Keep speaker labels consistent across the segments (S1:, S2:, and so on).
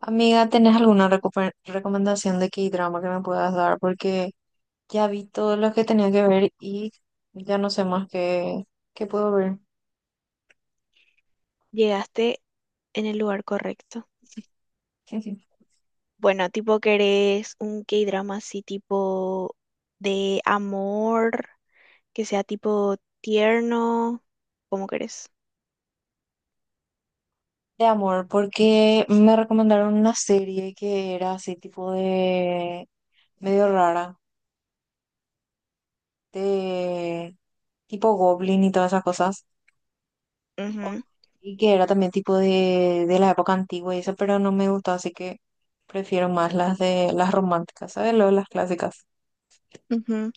S1: Amiga, ¿tenés alguna recomendación de K-drama que me puedas dar? Porque ya vi todos los que tenía que ver y ya no sé más qué puedo ver.
S2: Llegaste en el lugar correcto. Bueno, tipo querés un K-drama así tipo de amor, que sea tipo tierno, ¿cómo querés?
S1: De amor, porque me recomendaron una serie que era así tipo de medio rara, de tipo Goblin y todas esas cosas,
S2: Ujú,
S1: y que era también tipo de la época antigua y eso, pero no me gustó, así que prefiero más las de las románticas, ¿sabes? Lo de las clásicas.
S2: ujú.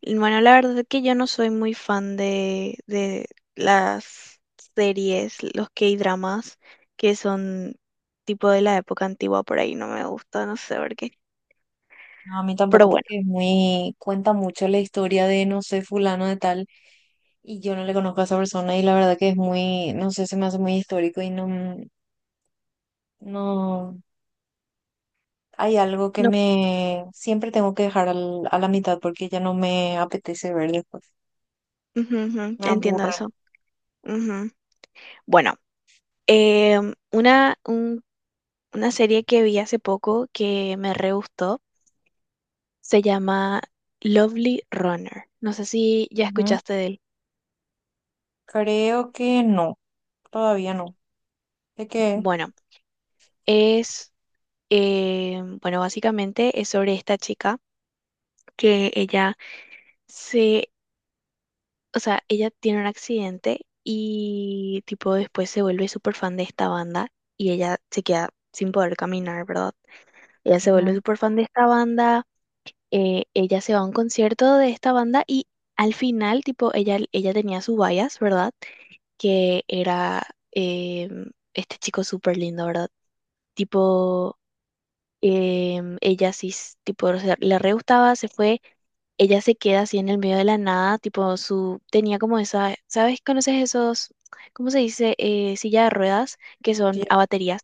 S2: Y bueno, la verdad es que yo no soy muy fan de las series, los K-dramas, que son tipo de la época antigua por ahí, no me gusta, no sé por qué.
S1: No, a mí
S2: Pero
S1: tampoco,
S2: bueno,
S1: porque es muy, cuenta mucho la historia de, no sé, fulano de tal, y yo no le conozco a esa persona, y la verdad que es muy, no sé, se me hace muy histórico y no, hay algo que
S2: no,
S1: me, siempre tengo que dejar a la mitad porque ya no me apetece ver después,
S2: ujú, ujú,
S1: me
S2: entiendo
S1: aburren.
S2: eso. Ujú. Bueno. Eh, una, un- una serie que vi hace poco que me re gustó se llama Lovely Runner. No sé si ya
S1: Ujú.
S2: escuchaste de él.
S1: Creo que no, todavía no. ¿De qué?
S2: Bueno, es, bueno, básicamente es sobre esta chica que ella se, o sea, ella tiene un accidente y tipo después se vuelve súper fan de esta banda y ella se queda sin poder caminar, ¿verdad? Ella se vuelve
S1: Ujú.
S2: súper fan de esta banda. Ella se va a un concierto de esta banda y al final, tipo, ella tenía su bias, ¿verdad? Que era este chico súper lindo, ¿verdad? Tipo, ella sí, tipo, o sea, le re gustaba, se fue, ella se queda así en el medio de la nada, tipo, su, tenía como esa, ¿sabes? ¿Conoces esos, cómo se dice? Silla de ruedas que son
S1: Ya-
S2: a baterías.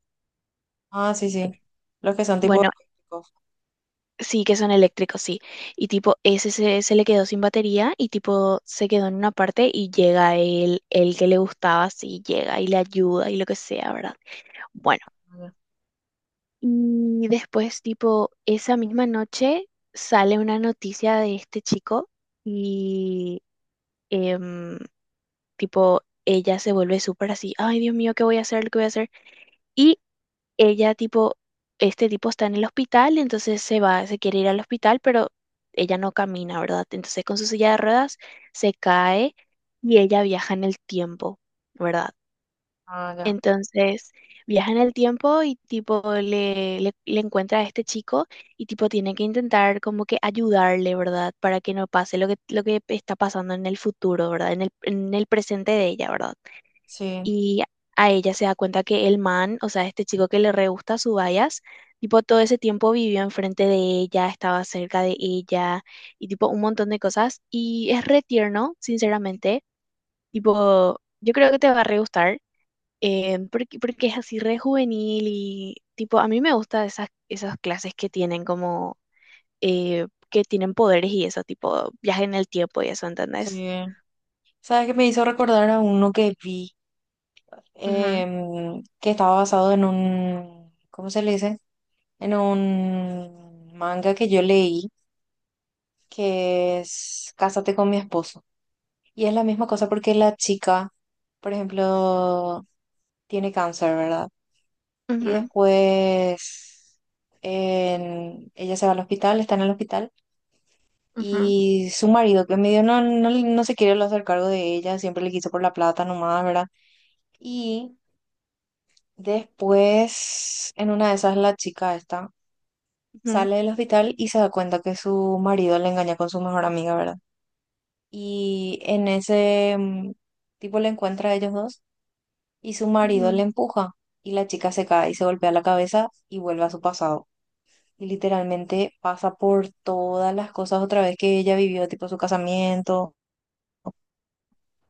S1: Ah, sí, sí, los que son tipo...
S2: Bueno, sí, que son eléctricos, sí. Y tipo, se le quedó sin batería y tipo se quedó en una parte y llega el que le gustaba, sí, llega y le ayuda y lo que sea, ¿verdad? Bueno, y después tipo, esa misma noche sale una noticia de este chico y em, tipo, ella se vuelve súper así, ay Dios mío, ¿qué voy a hacer? ¿Qué voy a hacer? Y ella tipo, este tipo está en el hospital, entonces se va, se quiere ir al hospital, pero ella no camina, ¿verdad? Entonces con su silla de ruedas se cae y ella viaja en el tiempo, ¿verdad?
S1: Ah, ya,
S2: Entonces viaja en el tiempo y tipo le encuentra a este chico y tipo tiene que intentar como que ayudarle, ¿verdad? Para que no pase lo que está pasando en el futuro, ¿verdad? En el presente de ella, ¿verdad?
S1: sí,
S2: Y a ella se da cuenta que el man, o sea, este chico que le re gusta su bayas, tipo todo ese tiempo vivió enfrente de ella, estaba cerca de ella y tipo un montón de cosas y es re tierno, sinceramente, tipo yo creo que te va a re gustar. Porque porque es así re juvenil y tipo a mí me gusta esas clases que tienen como que tienen poderes y eso, tipo viaje en el tiempo y eso, ¿entendés?
S1: sí. ¿Sabes qué me hizo recordar a uno que vi?
S2: Ujú,
S1: Que estaba basado en un, ¿cómo se le dice? En un manga que yo leí, que es Cásate con mi esposo. Y es la misma cosa porque la chica, por ejemplo, tiene cáncer, ¿verdad? Y
S2: ujú,
S1: después ella se va al hospital, está en el hospital.
S2: ujú,
S1: Y su marido, que medio no se quiere hacer cargo de ella, siempre le quiso por la plata nomás, ¿verdad? Y después, en una de esas, la chica esta
S2: ujú,
S1: sale del hospital y se da cuenta que su marido le engaña con su mejor amiga, ¿verdad? Y en ese, tipo le encuentra a ellos dos y su marido le
S2: ujú,
S1: empuja y la chica se cae y se golpea la cabeza y vuelve a su pasado. Y literalmente pasa por todas las cosas otra vez que ella vivió, tipo su casamiento,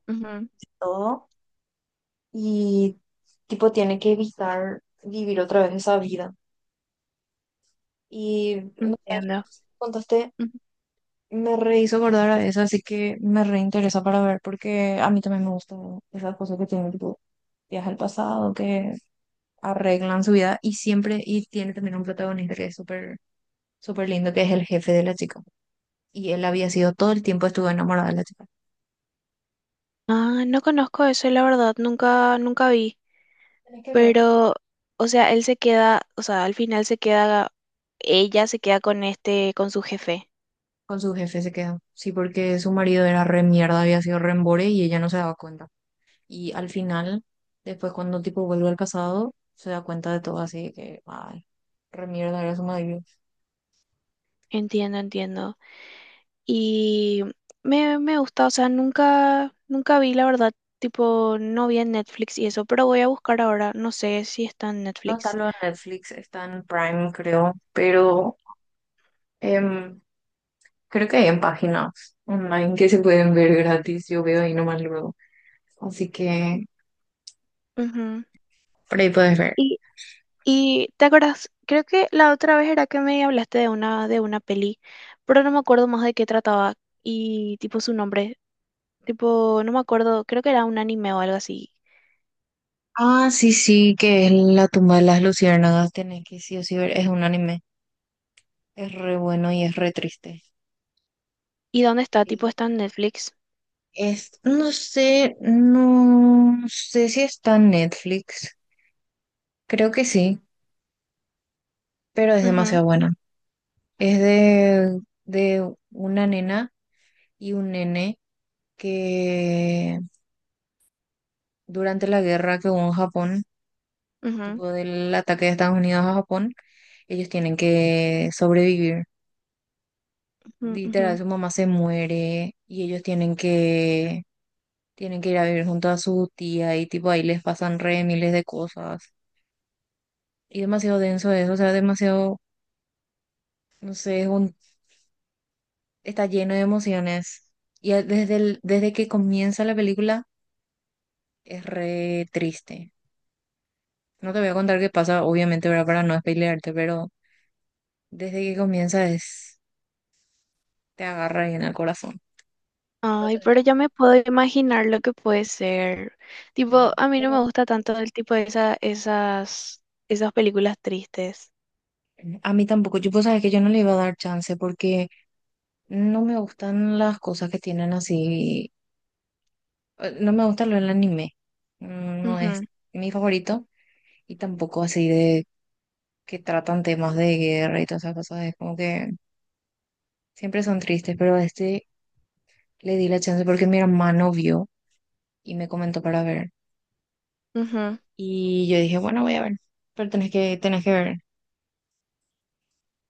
S2: ujú.
S1: todo. Y tipo tiene que evitar vivir otra vez esa vida. Y no sé,
S2: Entiendo.
S1: contaste.
S2: Ujú.
S1: Me re hizo acordar a eso, así que me reinteresa para ver, porque a mí también me gustan esas cosas que tienen tipo viajes al pasado, que arreglan su vida y siempre, y tiene también un protagonista que es súper, súper lindo, que es el jefe de la chica. Y él había sido todo el tiempo estuvo enamorado de la chica.
S2: Ah, no conozco eso, la verdad, nunca, nunca vi.
S1: Tenés que ver.
S2: Pero, o sea, él se queda, o sea, al final se queda, ella se queda con este, con su jefe.
S1: Con su jefe se quedó. Sí, porque su marido era re mierda, había sido re embore y ella no se daba cuenta. Y al final, después cuando tipo vuelve al pasado, se da cuenta de todo así que, ay, re mierda era su marido.
S2: Entiendo, entiendo. Y me gusta, o sea, nunca, nunca vi, la verdad, tipo, no vi en Netflix y eso, pero voy a buscar ahora, no sé si está en
S1: No está
S2: Netflix.
S1: lo en Netflix, está en Prime, creo, pero em, creo que hay en páginas online que se pueden ver gratis. Yo veo ahí nomás luego. Así que
S2: Ujú.
S1: por ahí puedes ver.
S2: Y, y ¿te acuerdas? Creo que la otra vez era que me hablaste de una peli, pero no me acuerdo más de qué trataba y tipo su nombre. Tipo, no me acuerdo, creo que era un anime o algo así.
S1: Ah, sí, sí, que es La tumba de las luciérnagas. Tenés que sí o sí ver. Es un anime. Es re bueno y es re triste.
S2: ¿Y dónde está? Tipo,
S1: Sí.
S2: está en Netflix.
S1: Es, no sé, no sé si está en Netflix. Creo que sí, pero es
S2: Ujú,
S1: demasiado buena. Es de una nena y un nene que durante la guerra que hubo en Japón,
S2: ujú,
S1: tipo del ataque de Estados Unidos a Japón, ellos tienen que sobrevivir.
S2: ujú, ujú.
S1: Literal, su mamá se muere y ellos tienen que ir a vivir junto a su tía y tipo ahí les pasan re miles de cosas. Y demasiado denso eso, o sea, demasiado, no sé, es un, está lleno de emociones. Y desde el, desde que comienza la película es re triste. No te voy a contar qué pasa, obviamente, ¿verdad? Para no spoilearte, pero desde que comienza es, te agarra ahí en el corazón. Pero
S2: Ay,
S1: tenés que
S2: pero
S1: ver.
S2: ya me puedo imaginar lo que puede ser. Tipo,
S1: Sí.
S2: a mí no
S1: Pero
S2: me gusta tanto el tipo de esas, esas películas tristes.
S1: a mí tampoco, yo pues sabes que yo no le iba a dar chance porque no me gustan las cosas que tienen así, no me gusta lo del anime, no
S2: Ujú,
S1: es mi favorito y tampoco así de que tratan temas de guerra y todas esas cosas, es como que siempre son tristes, pero a este le di la chance porque mi hermano vio y me comentó para ver
S2: ujú.
S1: y yo dije, bueno, voy a ver, pero tenés que ver.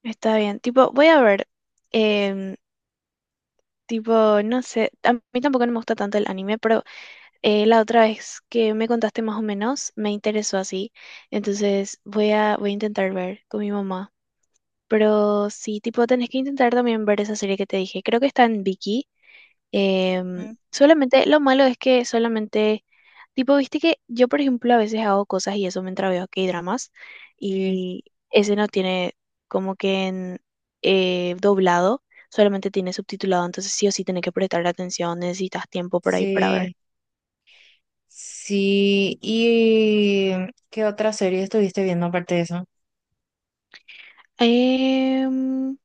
S2: Está bien. Tipo, voy a ver. em, tipo, no sé. A mí tampoco no me gusta tanto el anime, pero la otra vez que me contaste más o menos, me interesó así. Entonces voy a intentar ver con mi mamá. Pero sí, tipo, tenés que intentar también ver esa serie que te dije. Creo que está en Vicky. Em,
S1: Ujú.
S2: solamente, lo malo es que solamente, tipo, viste que yo, por ejemplo, a veces hago cosas y eso mientras veo K-dramas.
S1: Sí,
S2: Y ese no tiene como que en doblado, solamente tiene subtitulado. Entonces sí o sí tenés que prestar atención, necesitas tiempo por ahí para ver.
S1: sí, sí. ¿Y qué otra serie estuviste viendo aparte de eso?
S2: Em,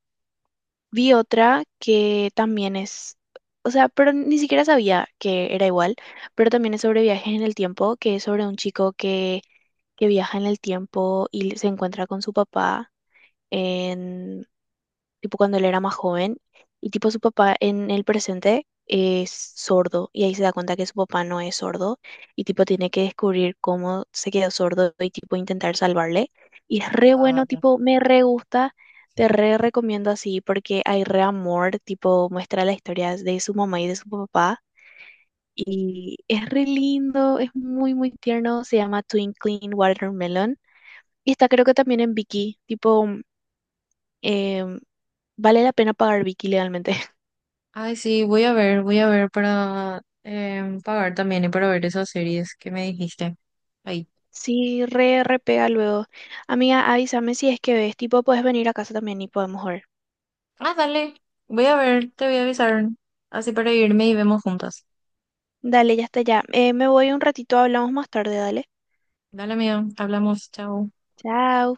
S2: Vi otra que también es, o sea, pero ni siquiera sabía que era igual, pero también es sobre viajes en el tiempo, que es sobre un chico que viaja en el tiempo y se encuentra con su papá en tipo cuando él era más joven, y tipo su papá en el presente es sordo, y ahí se da cuenta que su papá no es sordo, y tipo tiene que descubrir cómo se quedó sordo y tipo intentar salvarle. Y es re
S1: Ah,
S2: bueno,
S1: ya.
S2: tipo, me re gusta, te re recomiendo así, porque hay re amor, tipo, muestra la historia de su mamá y de su papá. Y es re lindo, es muy, muy tierno. Se llama Twinkling Watermelon. Y está creo que también en Viki. Tipo, em, vale la pena pagar Viki legalmente.
S1: Ay, sí, voy a ver para pagar también y para ver esas series que me dijiste. Ahí.
S2: Sí, re, re pega luego. Amiga, avísame si es que ves, tipo, puedes venir a casa también y podemos ver.
S1: Ah, dale. Voy a ver, te voy a avisar. Así para irme y vemos juntas.
S2: Dale, ya está ya. Me voy un ratito, hablamos más tarde, dale.
S1: Dale, amigo. Hablamos. Chao.
S2: Chao.